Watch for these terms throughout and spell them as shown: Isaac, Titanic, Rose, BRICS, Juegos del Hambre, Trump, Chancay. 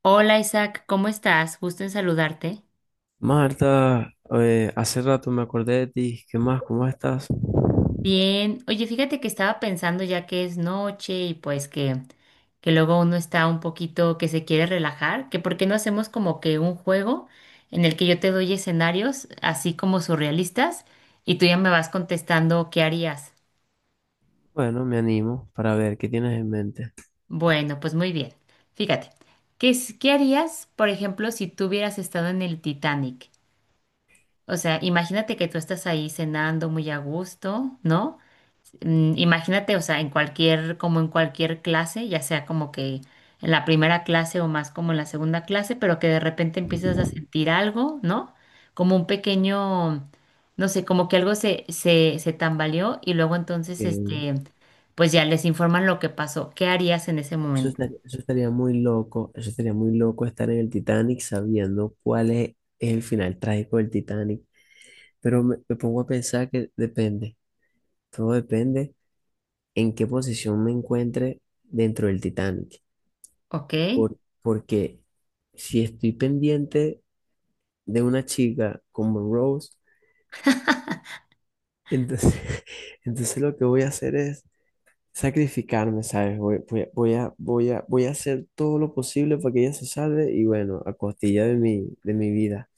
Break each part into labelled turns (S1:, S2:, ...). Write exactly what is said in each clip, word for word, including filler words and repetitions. S1: Hola Isaac, ¿cómo estás? Gusto en saludarte.
S2: Marta, eh, hace rato me acordé de ti. ¿Qué más? ¿Cómo estás?
S1: Bien, oye, fíjate que estaba pensando ya que es noche y pues que, que luego uno está un poquito que se quiere relajar, que por qué no hacemos como que un juego en el que yo te doy escenarios así como surrealistas y tú ya me vas contestando qué harías.
S2: Bueno, me animo para ver qué tienes en mente.
S1: Bueno, pues muy bien. Fíjate, ¿qué, es- qué harías, por ejemplo, si tú hubieras estado en el Titanic? O sea, imagínate que tú estás ahí cenando muy a gusto, ¿no? mm, Imagínate, o sea, en cualquier, como en cualquier clase, ya sea como que en la primera clase o más como en la segunda clase, pero que de repente empiezas a sentir algo, ¿no? Como un pequeño, no sé, como que algo se, se, se tambaleó y luego entonces,
S2: Que
S1: este, pues ya les informan lo que pasó. ¿Qué harías en ese
S2: Eso
S1: momento?
S2: estaría, eso estaría muy loco, eso estaría muy loco estar en el Titanic sabiendo cuál es el final trágico del Titanic. Pero me, me pongo a pensar que depende, todo depende en qué posición me encuentre dentro del Titanic.
S1: ¿Ok?
S2: Por, porque si estoy pendiente de una chica como Rose, entonces, entonces lo que voy a hacer es sacrificarme, ¿sabes? Voy, voy, a- voy a, voy a, voy a hacer todo lo posible para que ella se salve y bueno, a costilla de mi, de mi vida.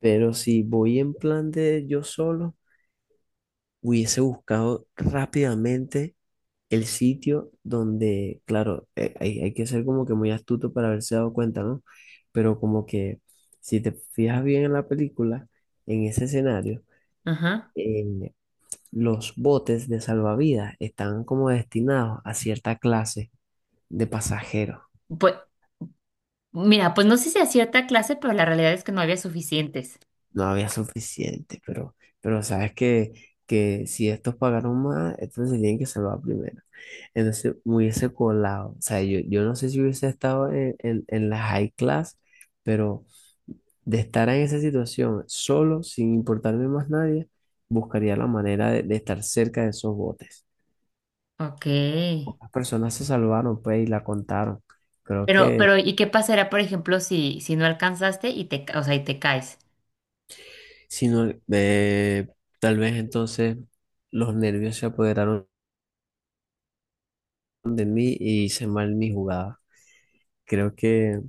S2: Pero si voy en plan de yo solo, hubiese buscado rápidamente el sitio donde, claro, eh, hay, hay que ser como que muy astuto para haberse dado cuenta, ¿no? Pero como que si te fijas bien en la película, en ese escenario,
S1: Ajá.
S2: eh, los botes de salvavidas están como destinados a cierta clase de pasajeros.
S1: Pues, mira, pues no sé si a cierta clase, pero la realidad es que no había suficientes.
S2: No había suficiente, pero, pero sabes que, que si estos pagaron más, entonces se tienen que salvar primero. Entonces me hubiese colado, o sea, yo, yo no sé si hubiese estado en, en, en la high class, pero de estar en esa situación solo, sin importarme más nadie, buscaría la manera de, de estar cerca de esos botes.
S1: Ok.
S2: Pocas personas se salvaron, pues, y la contaron. Creo
S1: Pero,
S2: que,
S1: pero, ¿y qué pasará, por ejemplo, si, si no alcanzaste y te, ca- o sea, y te caes?
S2: si no, eh, tal vez entonces los nervios se apoderaron de mí y hice mal mi jugada. Creo que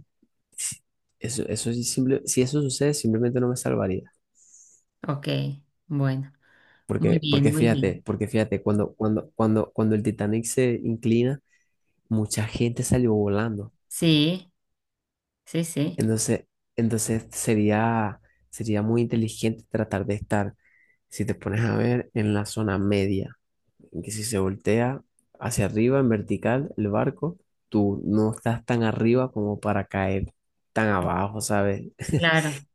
S2: si- eso, eso sí simple- si eso sucede, simplemente no me salvaría.
S1: Ok, bueno, muy
S2: Porque, porque
S1: bien, muy bien.
S2: fíjate, porque fíjate, cuando, cuando, cuando, cuando el Titanic se inclina, mucha gente salió volando.
S1: Sí, sí, sí,
S2: Entonces, entonces sería, sería muy inteligente tratar de estar, si te pones a ver, en la zona media, en que si se voltea hacia arriba, en vertical, el barco, tú no estás tan arriba como para caer tan abajo, ¿sabes?
S1: claro.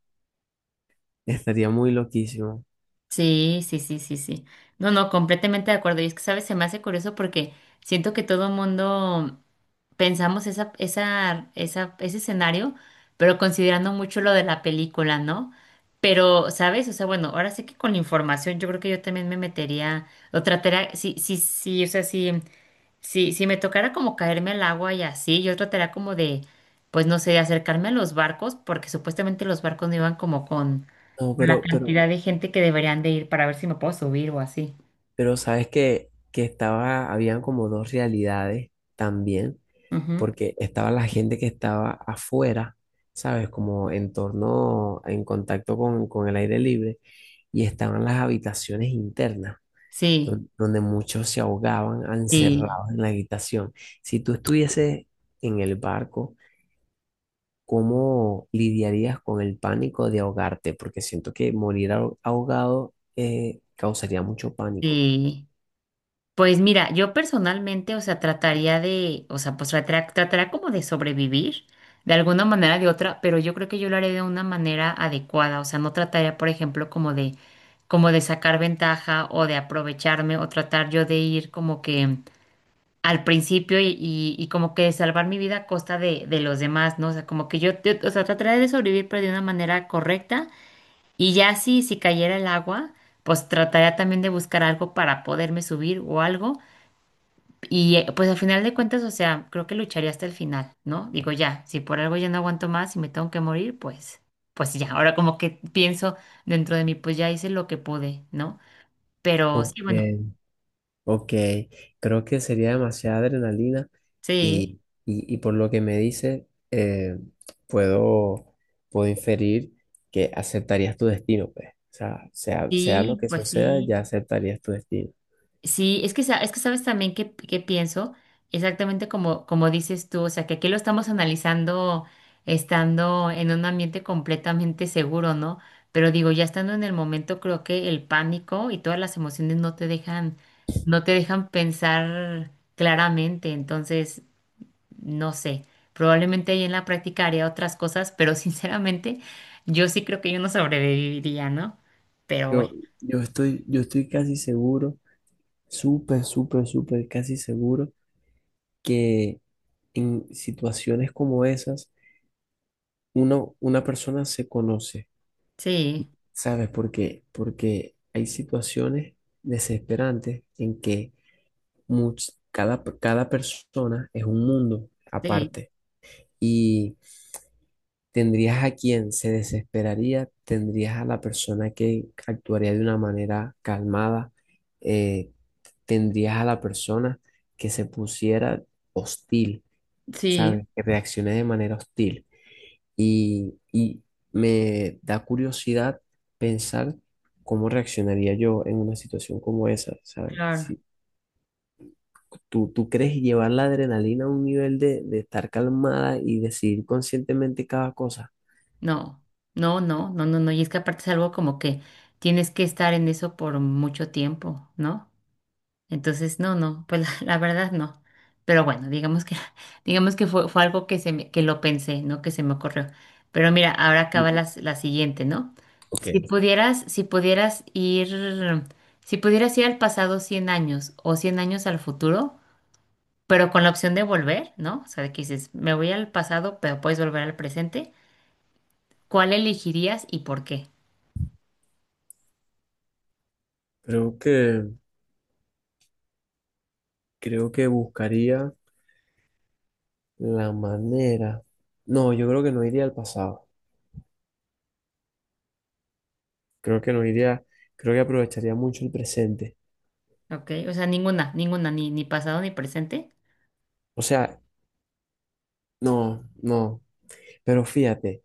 S2: Estaría muy loquísimo.
S1: Sí, sí, sí, sí, sí. No, no, completamente de acuerdo. Y es que, ¿sabes? Se me hace curioso porque siento que todo el mundo pensamos esa, esa, esa, ese escenario, pero considerando mucho lo de la película, ¿no? Pero, ¿sabes? O sea, bueno, ahora sí que con la información yo creo que yo también me metería, o trataría, sí, sí, sí, o sea, sí. Sí, si me tocara como caerme al agua y así, yo trataría como de, pues no sé, de acercarme a los barcos, porque supuestamente los barcos no iban como con,
S2: No,
S1: con la
S2: pero, pero,
S1: cantidad de gente que deberían de ir para ver si me puedo subir o así.
S2: pero sabes que, que estaba, habían como dos realidades también,
S1: Ujú.
S2: porque estaba la gente que estaba afuera, ¿sabes? Como en torno, en contacto con, con el aire libre, y estaban las habitaciones internas,
S1: Sí,
S2: don- donde muchos se ahogaban
S1: sí,
S2: encerrados en la habitación. Si tú estuvieses en el barco, ¿cómo lidiarías con el pánico de ahogarte? Porque siento que morir aho- ahogado eh, causaría mucho pánico.
S1: sí. Pues mira, yo personalmente, o sea, trataría de, o sea, pues trataría, trataría como de sobrevivir de alguna manera o de otra, pero yo creo que yo lo haré de una manera adecuada, o sea, no trataría, por ejemplo, como de, como de sacar ventaja o de aprovecharme o tratar yo de ir como que al principio y, y, y como que salvar mi vida a costa de, de los demás, ¿no? O sea, como que yo, yo, o sea, trataría de sobrevivir, pero de una manera correcta y ya si, si cayera el agua, pues trataría también de buscar algo para poderme subir o algo y eh, pues al final de cuentas, o sea, creo que lucharé hasta el final, ¿no? Digo, ya, si por algo ya no aguanto más y me tengo que morir, pues, pues ya. Ahora como que pienso dentro de mí, pues ya hice lo que pude, ¿no? Pero
S2: Ok,
S1: sí, bueno,
S2: ok. Creo que sería demasiada adrenalina
S1: sí,
S2: y, y- y por lo que me dice, eh, puedo, puedo inferir que aceptarías tu destino, pues. O sea, sea, sea lo
S1: sí,
S2: que
S1: pues
S2: suceda,
S1: sí.
S2: ya aceptarías tu destino.
S1: Sí, es que, sa- es que sabes también que, que pienso exactamente como, como dices tú, o sea, que aquí lo estamos analizando estando en un ambiente completamente seguro, ¿no? Pero digo, ya estando en el momento, creo que el pánico y todas las emociones no te dejan, no te dejan pensar claramente, entonces, no sé, probablemente ahí en la práctica haría otras cosas, pero sinceramente, yo sí creo que yo no sobreviviría, ¿no? Pero
S2: Yo,
S1: bueno,
S2: yo estoy, yo estoy casi seguro, súper, súper, súper, casi seguro que en situaciones como esas, uno, una persona se conoce,
S1: sí,
S2: ¿sabes por qué? Porque hay situaciones desesperantes en que much- cada, cada persona es un mundo
S1: sí,
S2: aparte y tendrías a quien se desesperaría, tendrías a la persona que actuaría de una manera calmada, eh, tendrías a la persona que se pusiera hostil,
S1: sí,
S2: ¿sabes? Que reaccione de manera hostil. Y, y me da curiosidad pensar cómo reaccionaría yo en una situación como esa, ¿sabes?
S1: claro.
S2: Si tú, tú crees llevar la adrenalina a un nivel de, de estar calmada y decidir conscientemente cada cosa.
S1: No, no, no, no, no, no. Y es que aparte es algo como que tienes que estar en eso por mucho tiempo, ¿no? Entonces, no, no, pues la, la verdad no. Pero bueno, digamos que, digamos que fue, fue algo que se me- que lo pensé, ¿no? Que se me ocurrió. Pero mira, ahora
S2: Y-
S1: acaba la, la siguiente, ¿no?
S2: Ok,
S1: Si pudieras, si pudieras ir, si pudieras ir al pasado cien años o cien años al futuro, pero con la opción de volver, ¿no? O sea, de que dices, me voy al pasado, pero puedes volver al presente. ¿Cuál elegirías y por qué?
S2: creo que, creo que buscaría la manera. No, yo creo que no iría al pasado. Creo que no iría, creo que aprovecharía mucho el presente.
S1: Ok, o sea, ninguna, ninguna, ni, ni pasado ni presente.
S2: O sea, no, no. Pero fíjate,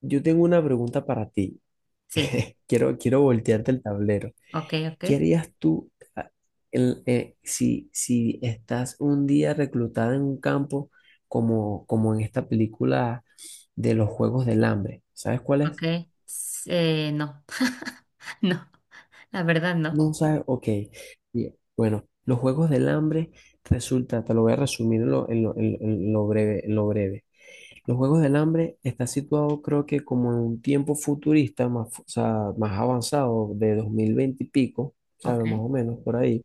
S2: yo tengo una pregunta para ti.
S1: Sí,
S2: Quiero, quiero voltearte el tablero.
S1: ok, ok,
S2: ¿Qué harías tú ah, el- eh, si, si estás un día reclutada en un campo como, como en esta película de los Juegos del Hambre? ¿Sabes cuál
S1: ok.
S2: es?
S1: S- eh, no, no, la verdad no.
S2: No sabes, ok. Bien. Bueno, los Juegos del Hambre resulta, te lo voy a resumir en lo, en lo- en lo- en lo breve, en lo breve. Los Juegos del Hambre está situado creo que como en un tiempo futurista, más, fu- o sea, más avanzado, de dos mil veinte y pico,
S1: Ok,
S2: ¿sabes? Más o menos por ahí.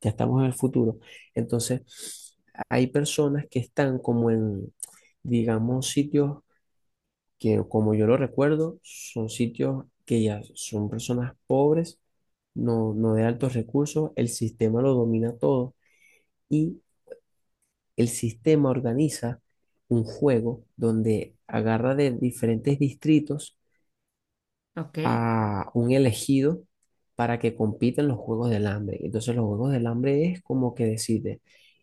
S2: Ya estamos en el futuro. Entonces, hay personas que están como en, digamos, sitios que, como yo lo recuerdo, son sitios que ya son personas pobres, no, no de altos recursos, el sistema lo domina todo. Y el sistema organiza un juego donde agarra de diferentes distritos
S1: ok,
S2: a un elegido para que compita en los Juegos del Hambre. Entonces los Juegos del Hambre es como que decide,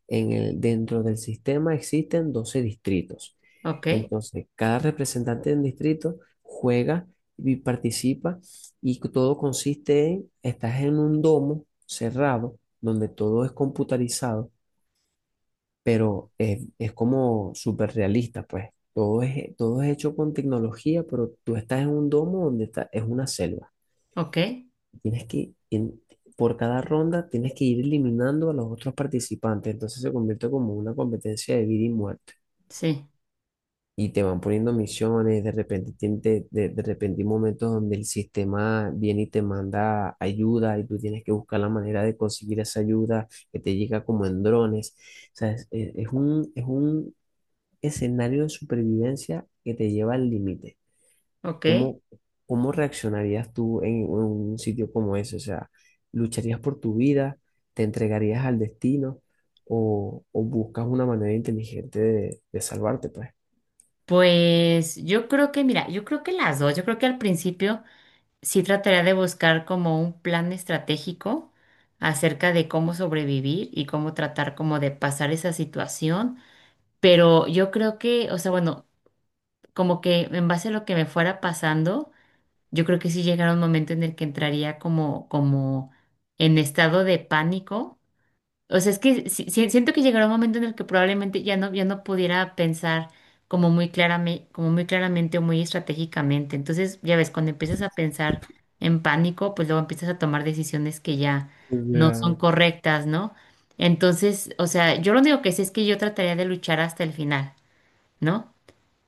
S2: en el, dentro del sistema existen doce distritos.
S1: ok,
S2: Entonces cada representante de un distrito juega y participa y todo consiste en, estás en un domo cerrado donde todo es computarizado pero eh, es como súper realista, pues. Todo es, todo es hecho con tecnología, pero tú estás en un domo donde está, es una selva.
S1: ok,
S2: Tienes que, en- por cada ronda, tienes que ir eliminando a los otros participantes. Entonces se convierte como una competencia de vida y muerte.
S1: sí,
S2: Y te van poniendo misiones, de repente, tien- de, de, de repente hay momentos donde el sistema viene y te manda ayuda y tú tienes que buscar la manera de conseguir esa ayuda que te llega como en drones. O sea, es, es- es un, es un escenario de supervivencia que te lleva al límite.
S1: ok.
S2: ¿Cómo, cómo reaccionarías tú en, un sitio como ese? O sea, ¿lucharías por tu vida? ¿Te entregarías al destino? ¿O, o buscas una manera inteligente de, de salvarte, pues?
S1: Pues yo creo que, mira, yo creo que las dos, yo creo que al principio sí trataría de buscar como un plan estratégico acerca de cómo sobrevivir y cómo tratar como de pasar esa situación, pero yo creo que, o sea, bueno, como que en base a lo que me fuera pasando. Yo creo que sí llegará un momento en el que entraría como, como en estado de pánico. O sea, es que si- si- siento que llegará un momento en el que probablemente ya no, ya no pudiera pensar como muy claramente, como muy claramente o muy estratégicamente. Entonces, ya ves, cuando empiezas a pensar en pánico, pues luego empiezas a tomar decisiones que ya
S2: O
S1: no son
S2: sea,
S1: correctas, ¿no? Entonces, o sea, yo lo único que sé es que yo trataría de luchar hasta el final, ¿no?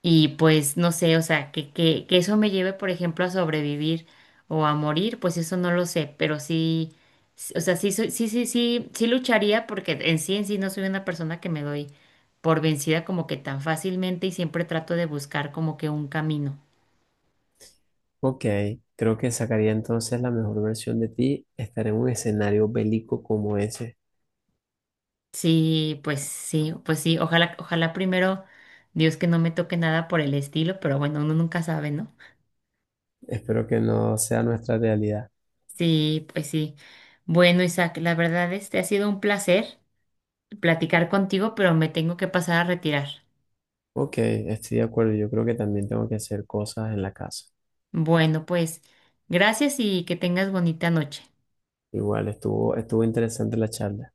S1: Y pues no sé, o sea, que, que, que eso me lleve, por ejemplo, a sobrevivir o a morir, pues eso no lo sé, pero sí, s- o sea, sí, soy- sí, sí, sí, sí lucharía porque en sí, en sí no soy una persona que me doy por vencida como que tan fácilmente y siempre trato de buscar como que un camino.
S2: ok, creo que sacaría entonces la mejor versión de ti, estar en un escenario bélico como ese.
S1: Sí, pues sí, pues sí, ojalá, ojalá primero Dios que no me toque nada por el estilo, pero bueno, uno nunca sabe, ¿no?
S2: Espero que no sea nuestra realidad.
S1: Sí, pues sí. Bueno, Isaac, la verdad este ha sido un placer. Platicar contigo, pero me tengo que pasar a retirar.
S2: Ok, estoy de acuerdo. Yo creo que también tengo que hacer cosas en la casa.
S1: Bueno, pues gracias y que tengas bonita noche.
S2: Igual, estuvo, estuvo interesante la charla.